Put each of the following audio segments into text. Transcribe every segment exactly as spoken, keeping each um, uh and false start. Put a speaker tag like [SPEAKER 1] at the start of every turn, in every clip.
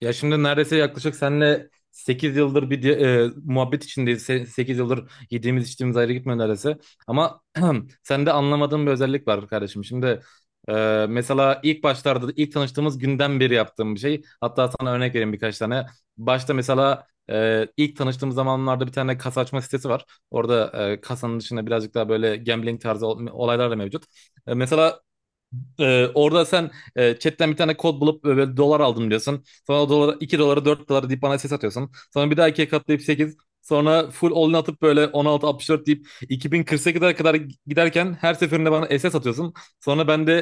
[SPEAKER 1] Ya şimdi neredeyse yaklaşık seninle sekiz yıldır bir di- e, muhabbet içindeyiz. Sekiz yıldır yediğimiz içtiğimiz ayrı gitmiyor neredeyse. Ama sende anlamadığım bir özellik var kardeşim. Şimdi e, mesela ilk başlarda ilk tanıştığımız günden beri yaptığım bir şey. Hatta sana örnek vereyim birkaç tane. Başta mesela e, ilk tanıştığımız zamanlarda bir tane kasa açma sitesi var. Orada e, kasanın dışında birazcık daha böyle gambling tarzı ol- olaylar da mevcut. E, mesela ee, orada sen, e, chatten bir tane kod bulup e, böyle dolar aldım diyorsun. Sonra o dolara iki dolara dört dolara deyip bana ses atıyorsun. Sonra bir daha ikiye katlayıp sekiz. Sonra full all-in atıp böyle on altı virgül altmış dört deyip iki bin kırk sekize kadar giderken her seferinde bana S S atıyorsun. Sonra ben de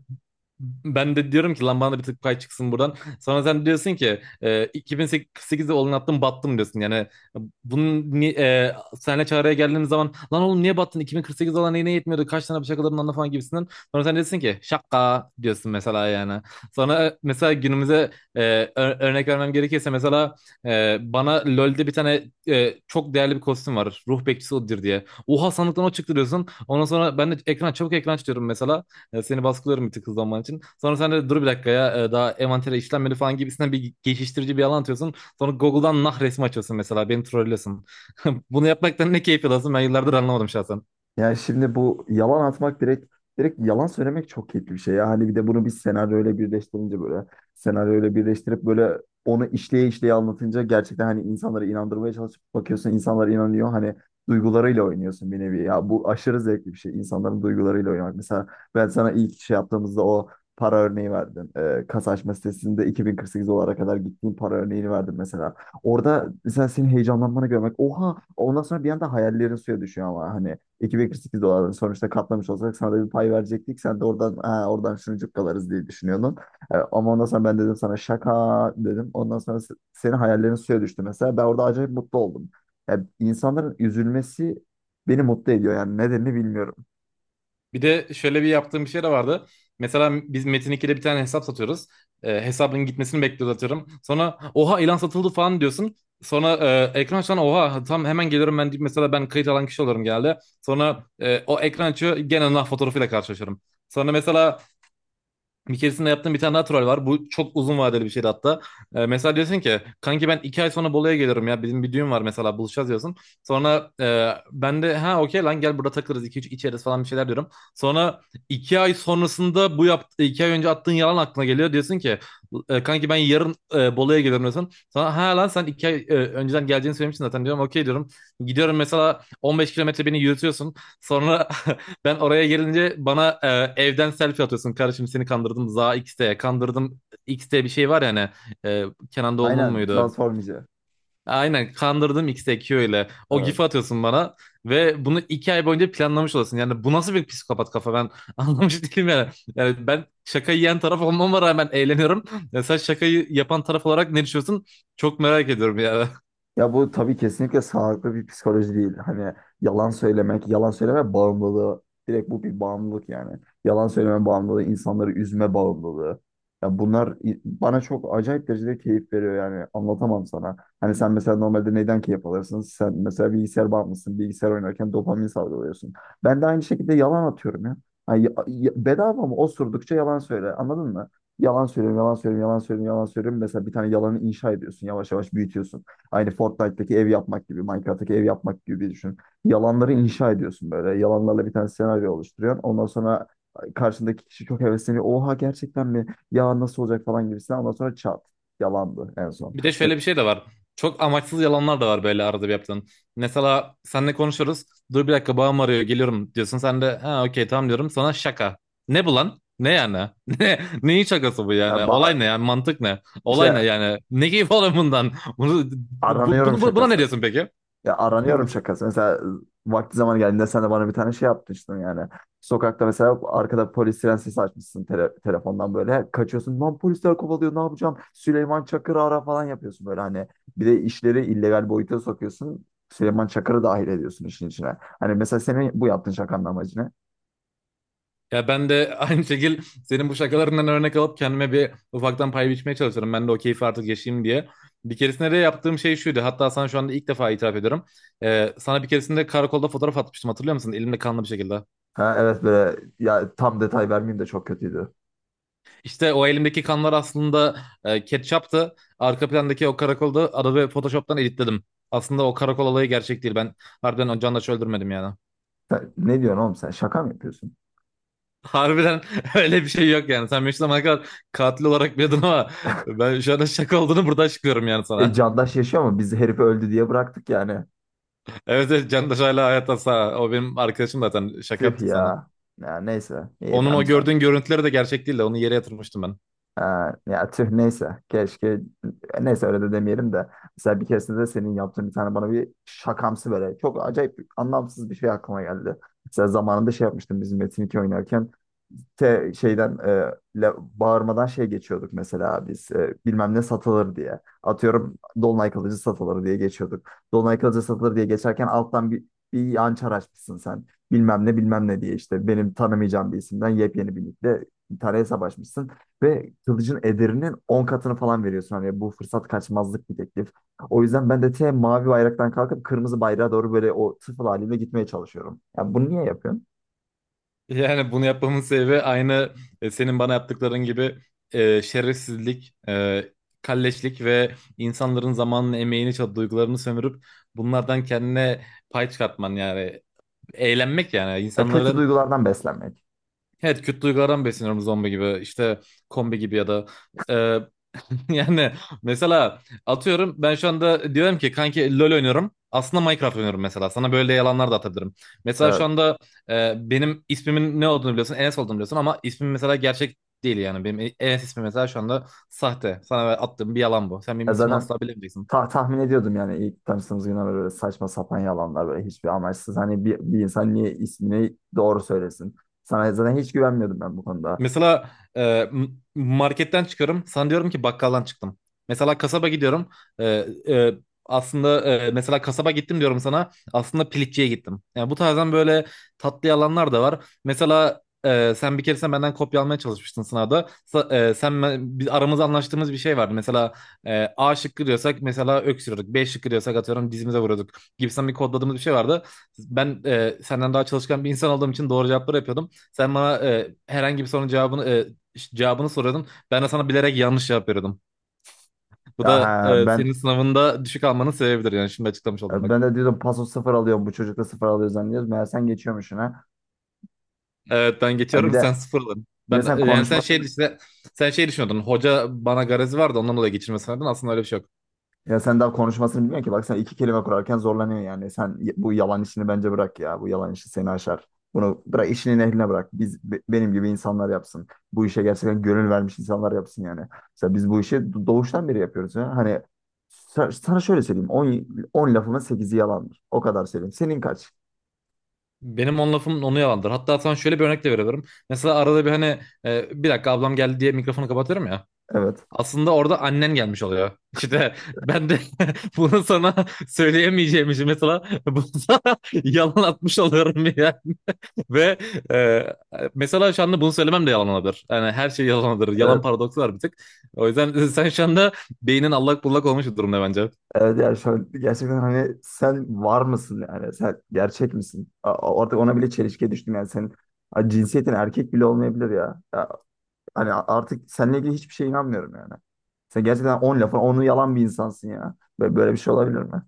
[SPEAKER 1] e, ben de diyorum ki lan bana da bir tık pay çıksın buradan. Sonra sen diyorsun ki e, iki bin sekizde olan attım battım diyorsun. Yani bunun ni- e, senle çağrıya geldiğimiz zaman lan oğlum niye battın? iki bin kırk sekiz olan neyine yetmiyordu? Kaç tane şakaların anla falan gibisinden. Sonra sen diyorsun ki şaka diyorsun mesela yani. Sonra e, mesela günümüze, e, ö- örnek vermem gerekirse mesela e, bana LoL'de bir tane e, çok değerli bir kostüm var. Ruh bekçisi odur diye. Oha sandıktan o çıktı diyorsun. Ondan sonra ben de ekran çabuk ekran açıyorum mesela. Ya seni baskılıyorum bir tık hızlanman için. Sonra sen de dur bir dakika ya e, daha envantere işlenmedi falan gibisinden bir geçiştirici bir yalan atıyorsun. Sonra Google'dan nah resmi açıyorsun mesela beni trollüyorsun. Bunu yapmaktan ne keyif alıyorsun ben yıllardır anlamadım şahsen.
[SPEAKER 2] Yani şimdi bu yalan atmak direkt direkt yalan söylemek çok keyifli bir şey ya. Hani bir de bunu bir senaryoyla birleştirince böyle senaryoyla birleştirip böyle onu işleye işleye anlatınca gerçekten, hani, insanları inandırmaya çalışıp bakıyorsun, insanlar inanıyor. Hani duygularıyla oynuyorsun bir nevi. Ya bu aşırı zevkli bir şey. İnsanların duygularıyla oynamak. Mesela ben sana ilk şey yaptığımızda o para örneği verdim. Ee, kasa açma sitesinde iki bin kırk sekiz dolara kadar gittiğim para örneğini verdim mesela. Orada mesela senin heyecanlanmanı görmek. Oha! Ondan sonra bir anda hayallerin suya düşüyor ama hani iki virgül kırk sekiz dolar, sonuçta katlamış olsak sana da bir pay verecektik. Sen de oradan ha, oradan şunu cukkalarız diye düşünüyordun. E, ama ondan sonra ben dedim sana şaka dedim. Ondan sonra se- senin hayallerin suya düştü mesela. Ben orada acayip mutlu oldum. Yani insanların üzülmesi beni mutlu ediyor, yani nedenini bilmiyorum.
[SPEAKER 1] Bir de şöyle bir yaptığım bir şey de vardı. Mesela biz Metin ikide bir tane hesap satıyoruz. E, hesabın gitmesini bekliyoruz atıyorum. Sonra oha ilan satıldı falan diyorsun. Sonra e, ekran açan oha tam hemen geliyorum ben deyip mesela ben kayıt alan kişi olurum genelde. Sonra e, o ekran açıyor gene nah fotoğrafıyla karşılaşıyorum. Sonra mesela bir keresinde yaptığım bir tane daha troll var. Bu çok uzun vadeli bir şeydi hatta. Ee, mesela diyorsun ki kanki ben iki ay sonra Bolu'ya geliyorum ya. Bizim bir düğün var mesela buluşacağız diyorsun. Sonra e, ben de ha okey lan gel burada takılırız. İki üç içeriz falan bir şeyler diyorum. Sonra iki ay sonrasında bu yaptı, iki ay önce attığın yalan aklına geliyor. Diyorsun ki e, kanki ben yarın, e, Bolu'ya geliyorum diyorsun. Sonra ha lan sen iki ay e, önceden geleceğini söylemiştin zaten diyorum. Okey diyorum. Gidiyorum mesela on beş kilometre beni yürütüyorsun. Sonra ben oraya gelince bana, e, evden selfie atıyorsun. Kardeşim seni kandırdım. Za X'te kandırdım. X'te bir şey var ya hani, e, Kenan Doğulu'nun
[SPEAKER 2] Aynen
[SPEAKER 1] muydu?
[SPEAKER 2] transformici.
[SPEAKER 1] Aynen kandırdım X'te Q ile. O
[SPEAKER 2] Evet.
[SPEAKER 1] gif'i atıyorsun bana ve bunu iki ay boyunca planlamış olasın. Yani bu nasıl bir psikopat kafa ben anlamış değilim yani. Yani ben şaka yiyen taraf olmama rağmen eğleniyorum. Ya sen şakayı yapan taraf olarak ne düşünüyorsun? Çok merak ediyorum yani.
[SPEAKER 2] Ya bu tabii kesinlikle sağlıklı bir psikoloji değil. Hani yalan söylemek, yalan söyleme bağımlılığı. Direkt bu bir bağımlılık yani. Yalan söyleme bağımlılığı, insanları üzme bağımlılığı. Ya bunlar, i- bana çok acayip derecede keyif veriyor, yani anlatamam sana. Hani sen mesela normalde neyden keyif alırsın? Sen mesela bilgisayar bağımlısın. Bilgisayar oynarken dopamin salgılıyorsun. Ben de aynı şekilde yalan atıyorum ya. Hani ya- ya- bedava mı? Osurdukça yalan söyle. Anladın mı? Yalan söylüyorum, yalan söylüyorum, yalan söylüyorum, yalan söylüyorum. Mesela bir tane yalanı inşa ediyorsun. Yavaş yavaş büyütüyorsun. Aynı Fortnite'daki ev yapmak gibi, Minecraft'taki ev yapmak gibi düşün. Yalanları inşa ediyorsun böyle. Yalanlarla bir tane senaryo oluşturuyorsun. Ondan sonra karşındaki kişi çok hevesleniyor. Oha, gerçekten mi? Ya nasıl olacak falan gibisinden. Ondan sonra çat. Yalandı en son.
[SPEAKER 1] Bir de
[SPEAKER 2] E,
[SPEAKER 1] şöyle bir şey de var. Çok amaçsız yalanlar da var böyle arada bir yaptığın. Mesela seninle konuşuyoruz. Dur bir dakika babam arıyor geliyorum diyorsun. Sen de ha okey tamam diyorum. Sana şaka. Ne bu lan? Ne yani? Ne, neyin şakası bu
[SPEAKER 2] e,
[SPEAKER 1] yani?
[SPEAKER 2] ba-
[SPEAKER 1] Olay ne yani? Mantık ne? Olay
[SPEAKER 2] işte
[SPEAKER 1] ne yani? Ne keyif alıyorsun bundan? Bunu, bu,
[SPEAKER 2] aranıyorum
[SPEAKER 1] bunu- Buna ne
[SPEAKER 2] şakası.
[SPEAKER 1] diyorsun peki?
[SPEAKER 2] Ya aranıyorum şakası. Mesela vakti zaman geldiğinde sen de bana bir tane şey yapmıştın yani. Sokakta mesela arkada polis siren sesi açmışsın tele- telefondan böyle. Kaçıyorsun. Lan polisler kovalıyor, ne yapacağım? Süleyman Çakır'ı ara falan yapıyorsun böyle hani. Bir de işleri illegal boyuta sokuyorsun. Süleyman Çakır'ı dahil ediyorsun işin içine. Hani mesela senin bu yaptığın şakanın amacı ne?
[SPEAKER 1] Ya ben de aynı şekil senin bu şakalarından örnek alıp kendime bir ufaktan pay biçmeye çalışıyorum. Ben de o keyfi artık yaşayayım diye. Bir keresinde de yaptığım şey şuydu. Hatta sana şu anda ilk defa itiraf ediyorum. Ee, sana bir keresinde karakolda fotoğraf atmıştım hatırlıyor musun? Elimde kanlı bir şekilde.
[SPEAKER 2] Ha, evet, böyle ya, tam detay vermeyeyim de çok kötüydü.
[SPEAKER 1] İşte o elimdeki kanlar aslında, e, ketçaptı. Arka plandaki o karakolda Adobe Photoshop'tan editledim. Aslında o karakol olayı gerçek değil. Ben harbiden o canla öldürmedim yani.
[SPEAKER 2] Sen- ne diyorsun oğlum, sen şaka mı yapıyorsun?
[SPEAKER 1] Harbiden öyle bir şey yok yani. Sen benim zamana kadar katil olarak biliyordun ama ben şu anda şaka olduğunu burada açıklıyorum yani
[SPEAKER 2] E,
[SPEAKER 1] sana.
[SPEAKER 2] Candaş yaşıyor mu? Biz herifi öldü diye bıraktık yani.
[SPEAKER 1] Evet, evet, Candaş hala hayatta sağ. O benim arkadaşım zaten şaka
[SPEAKER 2] Tüh
[SPEAKER 1] yaptık sana.
[SPEAKER 2] ya. Ya neyse. İyi
[SPEAKER 1] Onun o
[SPEAKER 2] amcan.
[SPEAKER 1] gördüğün görüntüleri de gerçek değil de onu yere yatırmıştım ben.
[SPEAKER 2] Ee, Ya tüh, neyse. Keşke, neyse, öyle de demeyelim de. Mesela bir keresinde de senin yaptığın bir tane bana bir şakamsı böyle. Çok acayip anlamsız bir şey aklıma geldi. Mesela zamanında şey yapmıştım, bizim Metin iki oynarken te- şeyden e, le- bağırmadan şey geçiyorduk mesela, biz e, bilmem ne satılır diye. Atıyorum Dolunay Kılıcı satılır diye geçiyorduk. Dolunay Kılıcı satılır diye geçerken alttan bir, bir yançar açmışsın sen. Bilmem ne bilmem ne diye işte, benim tanımayacağım bir isimden yepyeni bir linkle bir tane hesap açmışsın. Ve kılıcın ederinin on katını falan veriyorsun. Hani bu fırsat kaçmazlık bir teklif. O yüzden ben de te mavi bayraktan kalkıp kırmızı bayrağa doğru böyle o tıfıl halimle gitmeye çalışıyorum. Ya bunu niye yapıyorsun?
[SPEAKER 1] Yani bunu yapmamın sebebi aynı, e, senin bana yaptıkların gibi, e, şerefsizlik, e, kalleşlik ve insanların zamanını, emeğini, çab- duygularını sömürüp bunlardan kendine pay çıkartman yani. Eğlenmek yani.
[SPEAKER 2] Ya kötü
[SPEAKER 1] İnsanların
[SPEAKER 2] duygulardan beslenmek.
[SPEAKER 1] Evet, kötü duygulardan besleniyorum zombi gibi işte, kombi gibi ya da, e, yani mesela atıyorum ben şu anda diyorum ki kanki LoL oynuyorum aslında Minecraft oynuyorum mesela sana böyle yalanlar da atabilirim. Mesela şu
[SPEAKER 2] Evet.
[SPEAKER 1] anda, e, benim ismimin ne olduğunu biliyorsun, Enes olduğunu biliyorsun ama ismim mesela gerçek değil yani. Benim Enes ismi mesela şu anda sahte, sana attığım bir yalan bu, sen benim
[SPEAKER 2] Ya
[SPEAKER 1] ismimi
[SPEAKER 2] zaten,
[SPEAKER 1] asla bilemeyeceksin.
[SPEAKER 2] ta- tahmin ediyordum yani ilk tanıştığımız günden beri, böyle saçma sapan yalanlar, böyle hiçbir amaçsız. Hani bir, bir insan niye ismini doğru söylesin? Sana zaten hiç güvenmiyordum ben bu konuda.
[SPEAKER 1] Mesela e, m- marketten çıkıyorum. Sana diyorum ki bakkaldan çıktım. Mesela kasaba gidiyorum. E, e, Aslında, e, mesela kasaba gittim diyorum sana. Aslında piliççiye gittim. Yani bu tarzdan böyle tatlı yalanlar da var. Mesela e, sen bir keresinde benden kopya almaya çalışmıştın sınavda. Sa- e, sen ben- biz aramızda anlaştığımız bir şey vardı. Mesela e, A şıkkı diyorsak mesela öksürüyorduk. B şıkkı diyorsak atıyorum dizimize vuruyorduk. Gibisinden bir kodladığımız bir şey vardı. Ben e, senden daha çalışkan bir insan olduğum için doğru cevapları yapıyordum. Sen bana e, herhangi bir sorunun cevabını e, ş- cevabını soruyordun. Ben de sana bilerek yanlış cevap veriyordum. Bu
[SPEAKER 2] Ya
[SPEAKER 1] da,
[SPEAKER 2] ha,
[SPEAKER 1] e,
[SPEAKER 2] ben
[SPEAKER 1] senin sınavında düşük almanın sebebidir yani şimdi açıklamış oldum bak.
[SPEAKER 2] ben de diyordum paso sıfır alıyorum, bu çocukla sıfır alıyor zannediyoruz. Meğer sen geçiyormuşsun ha.
[SPEAKER 1] Evet, ben
[SPEAKER 2] Ya bir
[SPEAKER 1] geçiyorum
[SPEAKER 2] de
[SPEAKER 1] sen sıfır alın.
[SPEAKER 2] bir de
[SPEAKER 1] Ben,
[SPEAKER 2] sen
[SPEAKER 1] e, yani sen şey
[SPEAKER 2] konuşmasını
[SPEAKER 1] işte sen şey düşünüyordun. Hoca bana garezi vardı ondan dolayı geçirme sanıyordun. Aslında öyle bir şey yok.
[SPEAKER 2] Ya sen daha konuşmasını bilmiyorsun ki. Bak, sen iki kelime kurarken zorlanıyor yani. Sen y- bu yalan işini bence bırak ya. Bu yalan işi seni aşar. Bunu bırak, işinin ehline bırak. Biz, be- benim gibi insanlar yapsın. Bu işe gerçekten gönül vermiş insanlar yapsın yani. Mesela biz bu işi do- doğuştan beri yapıyoruz ya. Hani sa- sana şöyle söyleyeyim. On on lafımın sekizi yalandır. O kadar söyleyeyim. Senin kaç?
[SPEAKER 1] Benim on lafım onu yalandır. Hatta sana şöyle bir örnek de verebilirim. Mesela arada bir hani, e, bir dakika ablam geldi diye mikrofonu kapatıyorum ya.
[SPEAKER 2] Evet.
[SPEAKER 1] Aslında orada annen gelmiş oluyor. İşte ben de bunu sana söyleyemeyeceğim için mesela bunu sana yalan atmış oluyorum ya. Ve, e, mesela şu anda bunu söylemem de yalan olabilir. Yani her şey yalan olabilir. Yalan
[SPEAKER 2] Evet.
[SPEAKER 1] paradoksu var bir tık. O yüzden sen şu anda beynin allak bullak olmuş bir durumda bence.
[SPEAKER 2] Evet, yani şu an gerçekten, hani, sen var mısın yani? Sen gerçek misin? A- a- Artık ona bile çelişkiye düştüm yani. Sen Ha, cinsiyetin erkek bile olmayabilir ya. Hani artık seninle ilgili hiçbir şeye inanmıyorum yani. Sen gerçekten on lafın onu yalan bir insansın ya. Böyle, böyle bir şey olabilir mi?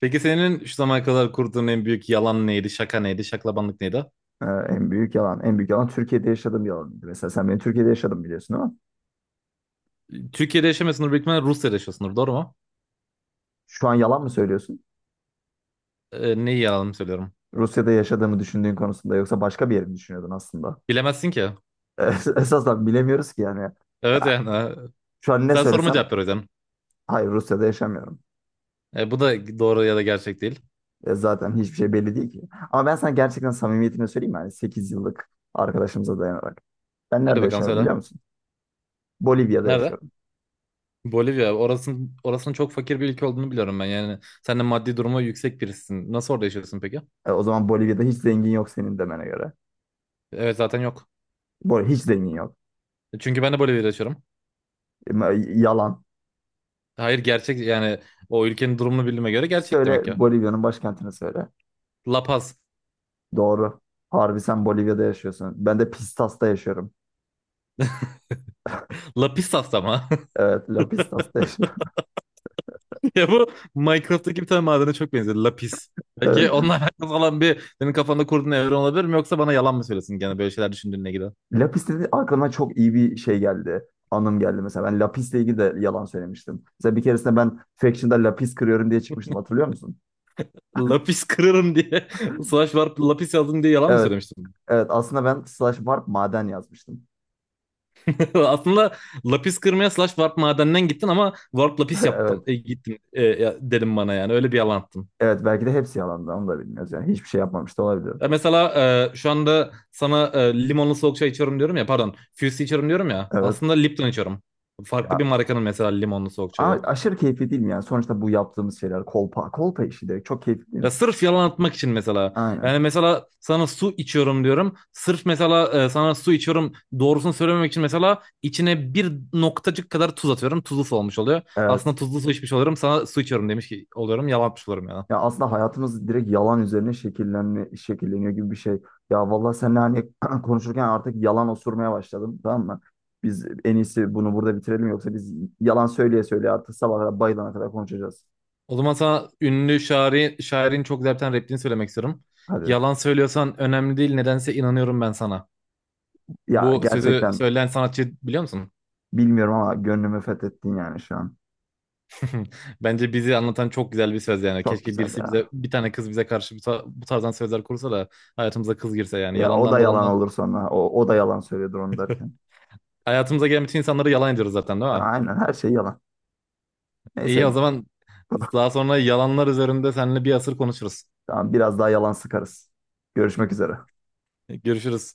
[SPEAKER 1] Peki senin şu zamana kadar kurduğun en büyük yalan neydi? Şaka neydi? Şaklabanlık neydi?
[SPEAKER 2] Ee, en büyük yalan. En büyük yalan Türkiye'de yaşadığım yalanıydı. Mesela sen beni Türkiye'de yaşadım biliyorsun, ama
[SPEAKER 1] Türkiye'de yaşamıyorsundur büyük ihtimalle Rusya'da yaşıyorsundur doğru mu?
[SPEAKER 2] şu an yalan mı söylüyorsun?
[SPEAKER 1] E, neyi yalan söylüyorum?
[SPEAKER 2] Rusya'da yaşadığımı düşündüğün konusunda, yoksa başka bir yeri mi düşünüyordun aslında?
[SPEAKER 1] Bilemezsin ki.
[SPEAKER 2] Esasen bilemiyoruz ki yani.
[SPEAKER 1] Evet
[SPEAKER 2] Ya
[SPEAKER 1] yani. e,
[SPEAKER 2] şu an ne
[SPEAKER 1] Sen sorma
[SPEAKER 2] söylesem,
[SPEAKER 1] cevap ver o yüzden.
[SPEAKER 2] hayır, Rusya'da yaşamıyorum.
[SPEAKER 1] E, bu da doğru ya da gerçek değil.
[SPEAKER 2] E, zaten hiçbir şey belli değil ki. Ama ben sana gerçekten samimiyetini söyleyeyim mi? Yani sekiz yıllık arkadaşımıza dayanarak. Ben
[SPEAKER 1] Hadi
[SPEAKER 2] nerede
[SPEAKER 1] bakalım
[SPEAKER 2] yaşıyorum
[SPEAKER 1] söyle.
[SPEAKER 2] biliyor musun? Bolivya'da
[SPEAKER 1] Nerede?
[SPEAKER 2] yaşıyorum.
[SPEAKER 1] Bolivya. Orasının, orasının çok fakir bir ülke olduğunu biliyorum ben. Yani sen de maddi durumu yüksek birisin. Nasıl orada yaşıyorsun peki?
[SPEAKER 2] E, o zaman Bolivya'da hiç zengin yok senin demene göre.
[SPEAKER 1] Evet zaten yok.
[SPEAKER 2] Bol hiç zengin yok.
[SPEAKER 1] Çünkü ben de Bolivya'da yaşıyorum.
[SPEAKER 2] E, ma- Yalan.
[SPEAKER 1] Hayır gerçek yani, o ülkenin durumunu bildiğime göre gerçek
[SPEAKER 2] Söyle,
[SPEAKER 1] demek ya.
[SPEAKER 2] Bolivya'nın başkentini söyle.
[SPEAKER 1] Lapaz,
[SPEAKER 2] Doğru. Harbi sen Bolivya'da yaşıyorsun. Ben de Pistas'ta yaşıyorum.
[SPEAKER 1] Paz. Lapisas ama.
[SPEAKER 2] Evet, La Pistas'ta yaşıyorum.
[SPEAKER 1] Ya bu Minecraft'taki bir tane madene çok benziyor. Lapis. Belki
[SPEAKER 2] Evet.
[SPEAKER 1] onunla alakalı olan bir senin kafanda kurduğun evren olabilir mi? Yoksa bana yalan mı söylesin gene böyle şeyler düşündüğüne gider.
[SPEAKER 2] La Pis, aklıma çok iyi bir şey geldi. Anım geldi mesela. Ben La ilgili de yalan söylemiştim. Mesela bir keresinde ben Faction'da La kırıyorum diye çıkmıştım. Hatırlıyor musun?
[SPEAKER 1] Lapis kırarım diye. Slash var lapis yazdım diye yalan mı
[SPEAKER 2] Evet.
[SPEAKER 1] söylemiştim?
[SPEAKER 2] Evet. Aslında ben slash warp maden yazmıştım.
[SPEAKER 1] Aslında lapis kırmaya slash warp madeninden gittin ama warp lapis yaptım.
[SPEAKER 2] Evet.
[SPEAKER 1] E, gittim, e, ya- dedim bana yani öyle bir yalan attın.
[SPEAKER 2] Evet. Belki de hepsi yalandı. Onu da bilmiyoruz yani. Hiçbir şey yapmamış da olabilir.
[SPEAKER 1] Ya mesela, e, şu anda sana, e, limonlu soğuk çay içiyorum diyorum ya, pardon, Fusi içiyorum diyorum ya,
[SPEAKER 2] Evet.
[SPEAKER 1] aslında Lipton içiyorum. Farklı bir
[SPEAKER 2] Ya,
[SPEAKER 1] markanın mesela limonlu soğuk
[SPEAKER 2] ama
[SPEAKER 1] çayı.
[SPEAKER 2] aşırı keyifli değil mi yani? Sonuçta bu yaptığımız şeyler kolpa. Kolpa işi direkt çok keyifli değil mi?
[SPEAKER 1] Ya sırf yalan atmak için mesela.
[SPEAKER 2] Aynen.
[SPEAKER 1] Yani mesela sana su içiyorum diyorum. Sırf mesela, e, sana su içiyorum doğrusunu söylememek için mesela içine bir noktacık kadar tuz atıyorum. Tuzlu su olmuş oluyor.
[SPEAKER 2] Evet.
[SPEAKER 1] Aslında tuzlu su içmiş oluyorum. Sana su içiyorum demiş ki oluyorum. Yalan atmış oluyorum yani.
[SPEAKER 2] Ya aslında hayatımız direkt yalan üzerine şekillenme, şekilleniyor gibi bir şey. Ya vallahi seninle hani konuşurken artık yalan osurmaya başladım, tamam mı? Biz en iyisi bunu burada bitirelim, yoksa biz yalan söyleye söyleye artık sabaha kadar, bayılana kadar konuşacağız.
[SPEAKER 1] O zaman sana ünlü şairi, şairin çok güzel bir tane repliğini söylemek istiyorum.
[SPEAKER 2] Hadi.
[SPEAKER 1] Yalan söylüyorsan önemli değil. Nedense inanıyorum ben sana.
[SPEAKER 2] Ya
[SPEAKER 1] Bu sözü
[SPEAKER 2] gerçekten
[SPEAKER 1] söyleyen sanatçı biliyor musun?
[SPEAKER 2] bilmiyorum, ama gönlümü fethettin yani şu an.
[SPEAKER 1] Hı. Bence bizi anlatan çok güzel bir söz yani.
[SPEAKER 2] Çok
[SPEAKER 1] Keşke
[SPEAKER 2] güzel
[SPEAKER 1] birisi bize
[SPEAKER 2] ya.
[SPEAKER 1] bir tane kız bize karşı bu, ta- bu tarzdan sözler kursa da hayatımıza kız girse yani.
[SPEAKER 2] Ya o da
[SPEAKER 1] Yalandan
[SPEAKER 2] yalan
[SPEAKER 1] dolandan
[SPEAKER 2] olur sonra. O, o da yalan söylüyordur onu derken.
[SPEAKER 1] hayatımıza gelen bütün insanları yalan ediyoruz zaten değil
[SPEAKER 2] Ya
[SPEAKER 1] mi?
[SPEAKER 2] aynen, her şey yalan. Neyse.
[SPEAKER 1] İyi o zaman daha sonra yalanlar üzerinde seninle bir asır konuşuruz.
[SPEAKER 2] Tamam, biraz daha yalan sıkarız. Görüşmek üzere.
[SPEAKER 1] Görüşürüz.